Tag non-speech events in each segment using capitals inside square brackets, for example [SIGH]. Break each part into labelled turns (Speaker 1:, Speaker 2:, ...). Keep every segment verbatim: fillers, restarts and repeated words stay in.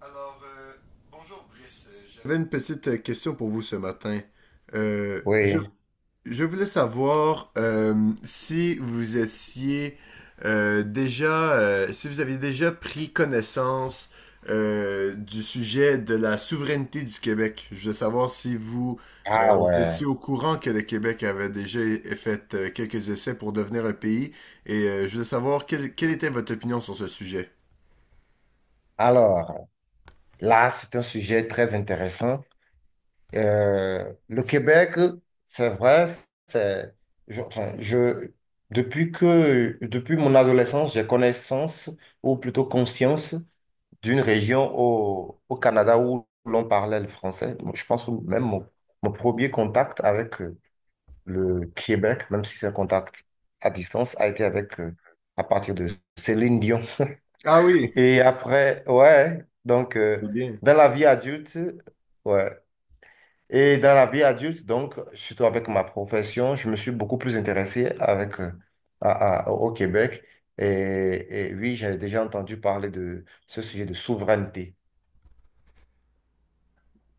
Speaker 1: Alors, euh, bonjour Brice. Euh, J'avais une petite euh, question pour vous ce matin. Euh, je,
Speaker 2: Oui,
Speaker 1: je voulais savoir euh, si vous étiez euh, déjà, euh, si vous aviez déjà pris connaissance euh, du sujet de la souveraineté du Québec. Je voulais savoir si vous euh,
Speaker 2: ah
Speaker 1: étiez
Speaker 2: ouais.
Speaker 1: au courant que le Québec avait déjà fait euh, quelques essais pour devenir un pays et euh, je voulais savoir quelle, quelle était votre opinion sur ce sujet.
Speaker 2: Alors, là, c'est un sujet très intéressant. Euh, le Québec, c'est vrai, c'est, je, enfin, je- depuis que, depuis mon adolescence, j'ai connaissance, ou plutôt conscience, d'une région au, au Canada où l'on parlait le français. Je pense que même mon, mon premier contact avec euh, le Québec, même si c'est un contact à distance, a été avec, euh, à partir de Céline Dion.
Speaker 1: Ah oui,
Speaker 2: Et après, ouais, donc euh,
Speaker 1: c'est bien.
Speaker 2: dans la vie adulte, ouais. Et dans la vie adulte, donc, surtout avec ma profession, je me suis beaucoup plus intéressé avec, euh, à- à- au Québec. Et, et oui, j'ai déjà entendu parler de ce sujet de souveraineté.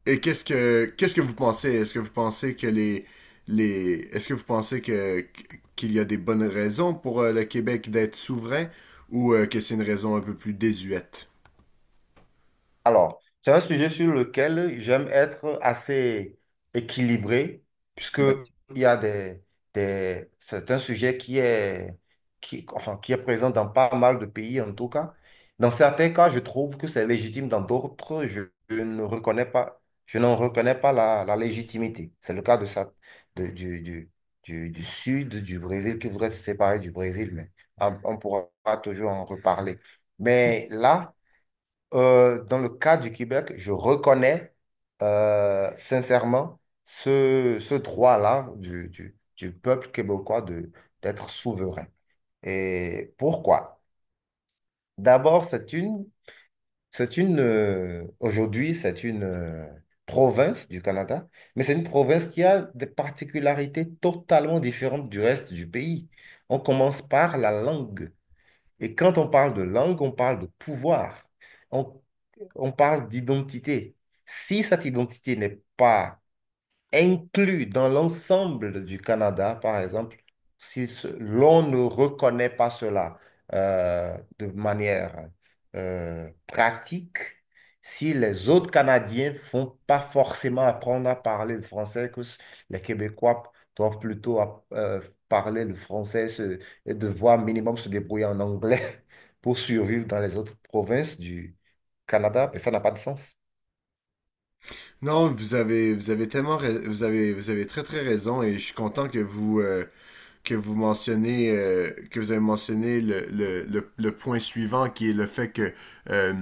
Speaker 1: Et qu'est-ce que qu'est-ce que vous pensez? Est-ce que vous pensez que les les est-ce que vous pensez que qu'il y a des bonnes raisons pour euh, le Québec d'être souverain ou euh, que c'est une raison un peu plus désuète?
Speaker 2: Alors, c'est un sujet sur lequel j'aime être assez équilibré, puisque
Speaker 1: D'ac-
Speaker 2: il y a des, des- c'est un sujet qui est, qui, enfin, qui est présent dans pas mal de pays, en tout cas. Dans certains cas, je trouve que c'est légitime, dans d'autres, je, je ne reconnais pas, je n'en reconnais pas la, la légitimité. C'est le cas de ça, de- du, du, du, du sud du Brésil, qui voudrait se séparer du Brésil, mais on, on pourra toujours en reparler. Mais là, euh, dans le cas du Québec, je reconnais euh, sincèrement ce, ce droit-là du, du- du peuple québécois de, d'être souverain. Et pourquoi? D'abord, c'est une, c'est une, euh, aujourd'hui, c'est une euh, province du Canada, mais c'est une province qui a des particularités totalement différentes du reste du pays. On commence par la langue. Et quand on parle de langue, on parle de pouvoir. On, on parle d'identité. Si cette identité n'est pas inclus dans l'ensemble du Canada, par exemple, si ce- l'on ne reconnaît pas cela euh, de manière euh, pratique, si les autres Canadiens font pas forcément apprendre à parler le français, que s- les Québécois doivent plutôt app- euh, parler le français se- et devoir minimum se débrouiller en anglais [LAUGHS] pour survivre dans les autres provinces du Canada, mais ça n'a pas de sens.
Speaker 1: Non, vous avez vous avez tellement rais- vous avez vous avez très très raison, et je suis content que vous euh, que vous mentionnez euh, que vous avez mentionné le, le, le, le point suivant, qui est le fait que euh,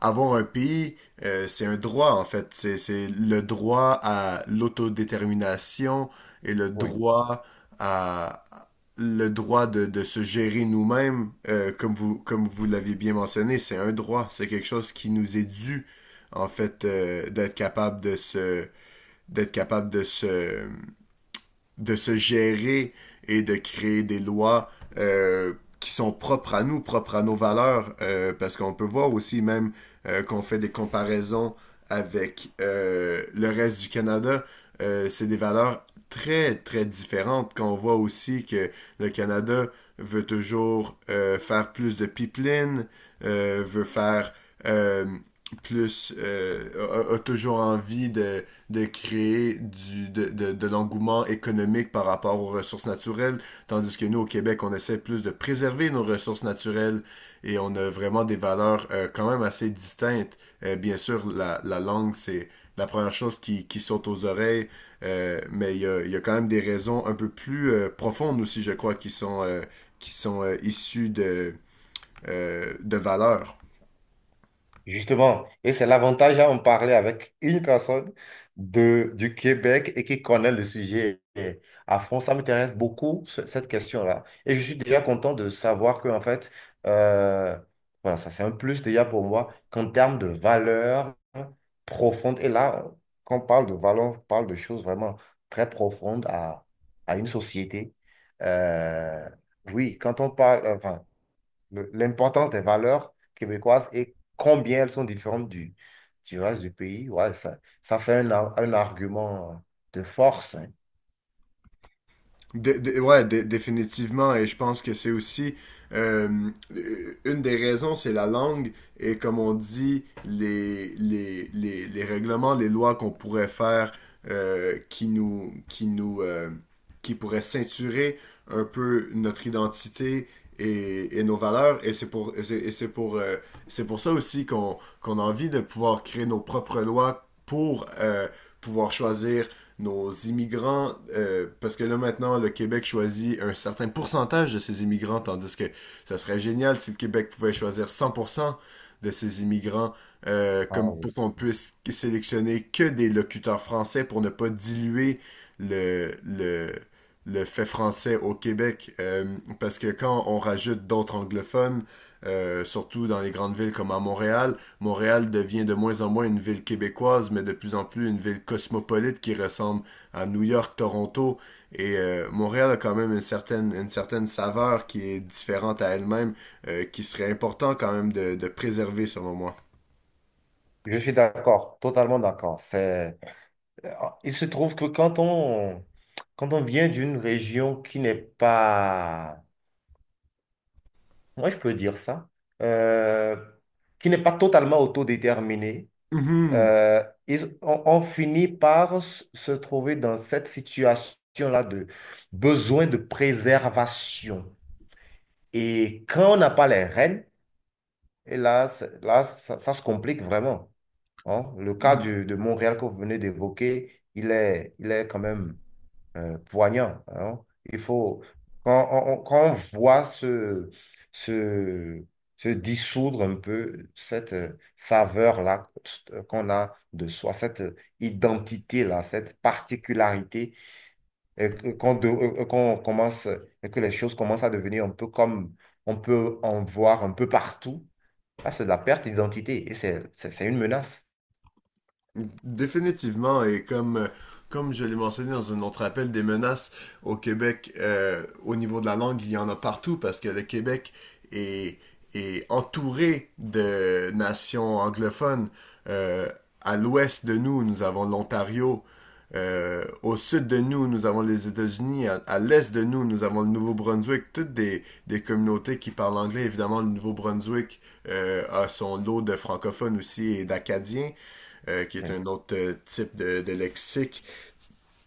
Speaker 1: avoir un pays, euh, c'est un droit en fait. C'est, c'est le droit à l'autodétermination et le
Speaker 2: Oui.
Speaker 1: droit à le droit de, de se gérer nous-mêmes, euh, comme vous comme vous l'avez bien mentionné, c'est un droit. C'est quelque chose qui nous est dû en fait, euh, d'être capable de se d'être capable de se de se gérer et de créer des lois euh, qui sont propres à nous, propres à nos valeurs, euh, parce qu'on peut voir aussi même euh, qu'on fait des comparaisons avec euh, le reste du Canada. Euh, c'est des valeurs très, très différentes. Qu'on voit aussi que le Canada veut toujours euh, faire plus de pipeline, euh, veut faire euh, plus, euh, a, a, toujours envie de de créer du, de, de, de l'engouement économique par rapport aux ressources naturelles, tandis que nous, au Québec, on essaie plus de préserver nos ressources naturelles, et on a vraiment des valeurs euh, quand même assez distinctes. Euh, bien sûr, la, la langue, c'est la première chose qui, qui saute aux oreilles, euh, mais il y a, il y a quand même des raisons un peu plus euh, profondes aussi, je crois, qui sont, euh, qui sont euh, issues de, euh, de valeurs.
Speaker 2: Justement, et c'est l'avantage à en parler avec une personne de, du Québec et qui connaît le sujet à fond. Ça m'intéresse beaucoup, ce- cette question-là. Et je suis déjà content de savoir que, en fait, euh, voilà, ça c'est un plus déjà pour moi qu'en termes de valeur profonde. Et là, quand on parle de valeur, on parle de choses vraiment très profondes à, à une société. Euh, oui, quand on parle, enfin, le- l'importance des valeurs québécoises et combien elles sont différentes du, du reste du pays. Ouais, ça, ça fait un, ar- un argument de force, hein.
Speaker 1: De, de- ouais, dé- définitivement. Et je pense que c'est aussi euh, une des raisons, c'est la langue, et comme on dit, les, les, les, les règlements, les lois qu'on pourrait faire, euh, qui nous, qui nous, euh, qui pourraient ceinturer un peu notre identité et, et nos valeurs. Et c'est pour, et c'est et c'est pour, euh, c'est pour ça aussi qu'on qu'on a envie de pouvoir créer nos propres lois pour, euh, pouvoir choisir nos immigrants, euh, parce que là maintenant, le Québec choisit un certain pourcentage de ses immigrants, tandis que ça serait génial si le Québec pouvait choisir cent pour cent de ses immigrants, euh,
Speaker 2: Ah
Speaker 1: comme
Speaker 2: oui.
Speaker 1: pour qu'on puisse sélectionner que des locuteurs français pour ne pas diluer le, le, le fait français au Québec. Euh, parce que quand on rajoute d'autres anglophones, euh, surtout dans les grandes villes comme à Montréal, Montréal devient de moins en moins une ville québécoise, mais de plus en plus une ville cosmopolite qui ressemble à New York, Toronto. Et euh, Montréal a quand même une certaine, une certaine, saveur qui est différente à elle-même, euh, qui serait important quand même de, de, préserver selon moi.
Speaker 2: Je suis d'accord, totalement d'accord. C'est… euh, Il se trouve que quand on, quand on vient d'une région qui n'est pas, moi je peux dire ça, euh, qui n'est pas totalement autodéterminée,
Speaker 1: Mm -hmm.
Speaker 2: euh, ils, on, on finit par s- se trouver dans cette situation-là de besoin de préservation. Et quand on n'a pas les rênes, et là, c'est- là ça, ça se complique vraiment, hein. Le cas du- de Montréal que vous venez d'évoquer, il est, il est quand même euh, poignant, hein. Il faut, quand on, on- quand on voit se, se, se dissoudre un peu cette euh, saveur-là euh, qu'on a de soi, cette euh, identité-là, cette particularité, et que- qu'on de- euh, euh, qu'on commence, et que les choses commencent à devenir un peu comme on peut en voir un peu partout, là, c'est de la perte d'identité et c'est c'est- c'est une menace.
Speaker 1: Définitivement, et comme, comme je l'ai mentionné dans un autre appel, des menaces au Québec, euh, au niveau de la langue, il y en a partout parce que le Québec est, est entouré de nations anglophones. Euh, à l'ouest de nous, nous avons l'Ontario. Euh, au sud de nous, nous avons les États-Unis. À, à l'est de nous, nous avons le Nouveau-Brunswick. Toutes des, des communautés qui parlent anglais. Évidemment, le Nouveau-Brunswick euh, a son lot de francophones aussi et d'Acadiens, euh, qui est
Speaker 2: Ouais.
Speaker 1: un autre euh, type de, de lexique,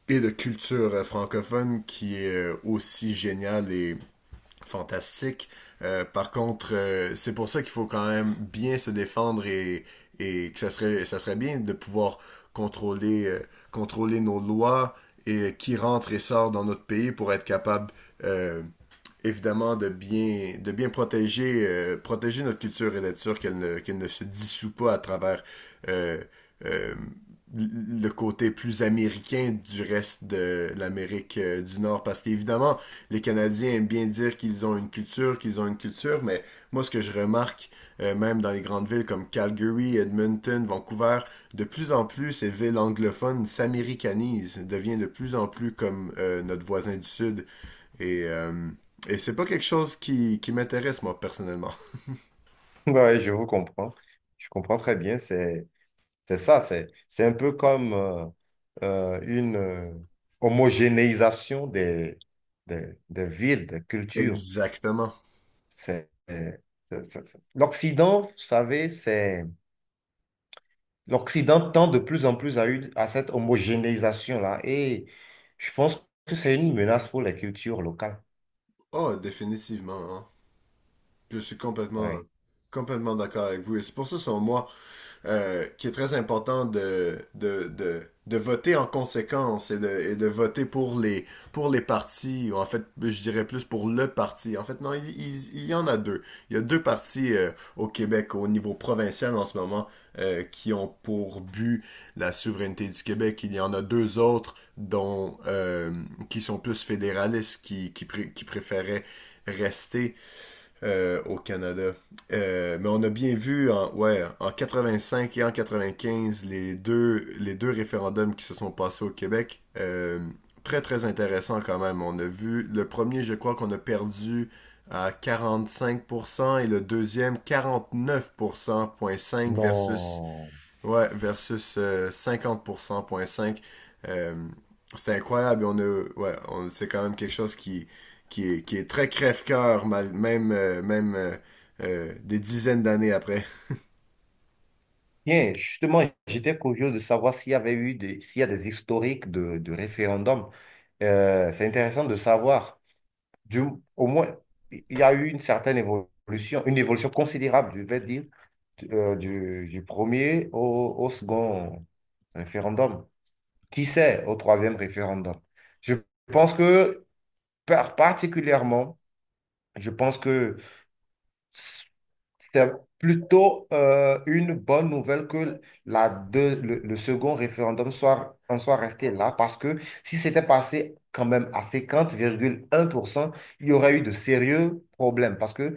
Speaker 1: et de culture euh, francophone, qui est euh, aussi génial et fantastique. Euh, par contre, euh, c'est pour ça qu'il faut quand même bien se défendre, et, et que ça serait, ça serait bien de pouvoir contrôler, euh, contrôler nos lois, et euh, qui rentre et sort dans notre pays, pour être capable, euh, évidemment, de bien, de bien protéger, euh, protéger notre culture, et d'être sûr qu'elle ne, qu'elle ne se dissout pas à travers, euh, euh, le côté plus américain du reste de l'Amérique euh, du Nord. Parce qu'évidemment, les Canadiens aiment bien dire qu'ils ont une culture, qu'ils ont une culture, mais moi, ce que je remarque, euh, même dans les grandes villes comme Calgary, Edmonton, Vancouver, de plus en plus, ces villes anglophones s'américanisent, deviennent de plus en plus comme, euh, notre voisin du Sud. Et euh, et c'est pas quelque chose qui, qui m'intéresse, moi, personnellement.
Speaker 2: [LAUGHS] Ouais, je vous comprends. Je comprends très bien. C'est C'est ça, c'est, c'est un peu comme euh, euh, une euh, homogénéisation des, des, des villes, des cultures.
Speaker 1: Exactement.
Speaker 2: C'est, c'est- c'est- c'est- L'Occident, vous savez, c'est, l'Occident tend de plus en plus à, une, à cette homogénéisation-là. Et je pense que c'est une menace pour les cultures locales.
Speaker 1: Oh, définitivement, hein. Je suis complètement,
Speaker 2: Ouais.
Speaker 1: complètement d'accord avec vous. Et c'est pour ça, selon moi, euh, qui est très important de, de, de, de voter en conséquence, et de, et de voter pour les, pour les partis, ou en fait, je dirais plus pour le parti. En fait, non, il, il- il y en a deux. Il y a deux partis euh, au Québec, au niveau provincial en ce moment, euh, qui ont pour but la souveraineté du Québec. Il y en a deux autres dont, euh, qui sont plus fédéralistes, qui, qui, pré- qui préféraient rester euh, au Canada. Euh, mais on a bien vu en, ouais, en quatre-vingt-cinq et en quatre-vingt-quinze, les deux, les deux référendums qui se sont passés au Québec. Euh, très très intéressant quand même. On a vu le premier, je crois qu'on a perdu à quarante-cinq pour cent, et le deuxième quarante-neuf pour cent, zéro virgule cinq versus,
Speaker 2: Non.
Speaker 1: ouais, versus euh, cinquante pour cent.cinq. Euh, c'est incroyable. On a, ouais. On, c'est quand même quelque chose qui, qui est, qui est très crève-cœur, mal- même, euh, même euh, euh, des dizaines d'années après.
Speaker 2: Bien, justement, j'étais curieux de savoir s'il y avait eu des, s'il y a des historiques de, de référendums. Euh, c'est intéressant de savoir. du, Au moins, il y a eu une certaine évolution, une évolution considérable, je vais dire, euh, du, du premier au, au second référendum. Qui sait au troisième référendum? Je pense que, par- Particulièrement, je pense que c'est plutôt euh, une bonne nouvelle que la deux- le, le second référendum soit, en soit resté là, parce que si c'était passé quand même à cinquante virgule un pour cent, il y aurait eu de sérieux problèmes, parce que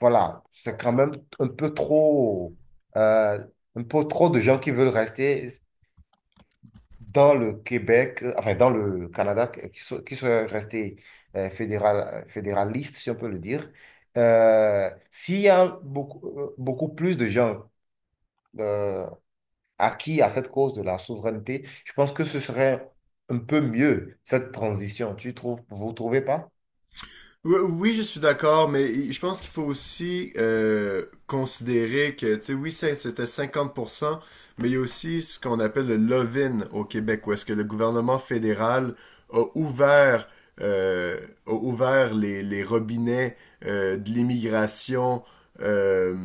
Speaker 2: voilà, c'est quand même un peu trop, euh, un peu trop de gens qui veulent rester dans le Québec, euh, enfin dans le Canada, qui qui sont, qui sont restés euh, fédéral, euh, fédéralistes, si on peut le dire. Euh, s'il y a beaucoup, euh, beaucoup plus de gens euh, acquis à cette cause de la souveraineté, je pense que ce serait un peu mieux, cette transition. Tu trouves, vous trouvez pas?
Speaker 1: Oui, oui, je suis d'accord, mais je pense qu'il faut aussi euh, considérer que, tu sais, oui, c'est- c'était cinquante pour cent, mais il y a aussi ce qu'on appelle le love-in au Québec, où est-ce que le gouvernement fédéral a ouvert, euh, a ouvert les, les robinets euh, de l'immigration, euh,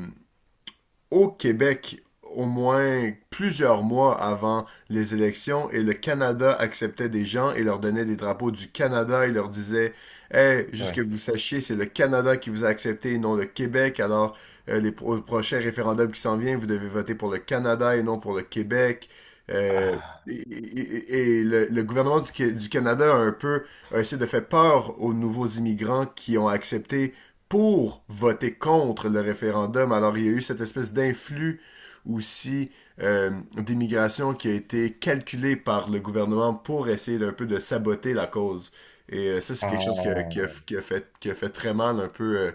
Speaker 1: au Québec, au moins plusieurs mois avant les élections. Et le Canada acceptait des gens et leur donnait des drapeaux du Canada, et leur disait: "Hey, juste que
Speaker 2: Ouais.
Speaker 1: vous sachiez, c'est le Canada qui vous a accepté et non le Québec. Alors, euh, les pro- prochains référendums qui s'en viennent, vous devez voter pour le Canada et non pour le Québec." Euh,
Speaker 2: Ah,
Speaker 1: et et- et le, le gouvernement du, Qué- du Canada a un peu a essayé de faire peur aux nouveaux immigrants, qui ont accepté, pour voter contre le référendum. Alors, il y a eu cette espèce d'influx aussi, euh, d'immigration, qui a été calculée par le gouvernement pour essayer d'un peu de saboter la cause. Et euh, ça, c'est quelque chose que- qui a,
Speaker 2: ah,
Speaker 1: qui a fait, qui a fait très mal un peu, euh,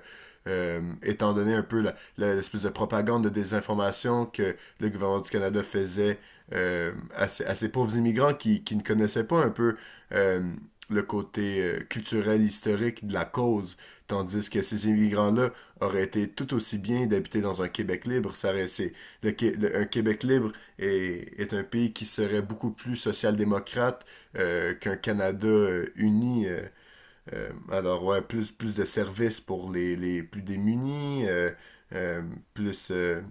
Speaker 1: euh, étant donné un peu la-, la- l'espèce de propagande de désinformation que le gouvernement du Canada faisait euh, à, ces, à ces pauvres immigrants, qui, qui ne connaissaient pas un peu euh, le côté euh, culturel, historique de la cause. Tandis que ces immigrants-là auraient été tout aussi bien d'habiter dans un Québec libre. Ça aurait- le, le- Un Québec libre est, est un pays qui serait beaucoup plus social-démocrate euh, qu'un Canada euh, uni. Euh, euh, alors, ouais, plus, plus de services pour les, les plus démunis, euh, euh, plus, euh,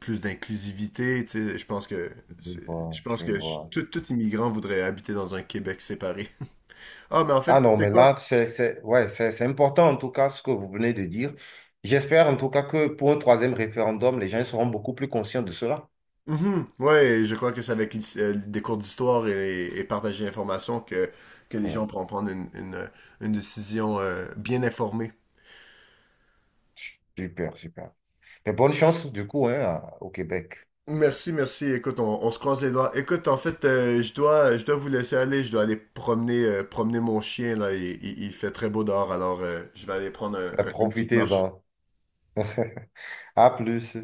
Speaker 1: plus d'inclusivité, tu sais. Je pense que,
Speaker 2: je
Speaker 1: je
Speaker 2: vois,
Speaker 1: pense
Speaker 2: je
Speaker 1: que je-
Speaker 2: vois.
Speaker 1: tout, tout immigrant voudrait habiter dans un Québec séparé. [LAUGHS] Ah, mais en fait,
Speaker 2: Ah
Speaker 1: tu
Speaker 2: non,
Speaker 1: sais
Speaker 2: mais
Speaker 1: quoi?
Speaker 2: là, c'est, c'est, ouais, c'est, c'est important en tout cas ce que vous venez de dire. J'espère en tout cas que pour un troisième référendum, les gens seront beaucoup plus conscients de cela.
Speaker 1: Mhm. Ouais, je crois que c'est avec l'his- euh, des cours d'histoire, et, et partager l'information, que, que les
Speaker 2: Ouais.
Speaker 1: gens pourront prendre une, une- une décision euh, bien informée.
Speaker 2: Super, super. Et bonne chance du coup, hein, à- au Québec.
Speaker 1: Merci, merci. Écoute, on, on se croise les doigts. Écoute, en fait, euh, je dois, je dois vous laisser aller. Je dois aller promener, euh, promener mon chien, là. Il, il- il fait très beau dehors, alors euh, je vais aller prendre un-
Speaker 2: Ben,
Speaker 1: un- une petite marche.
Speaker 2: profitez-en. [LAUGHS] À plus.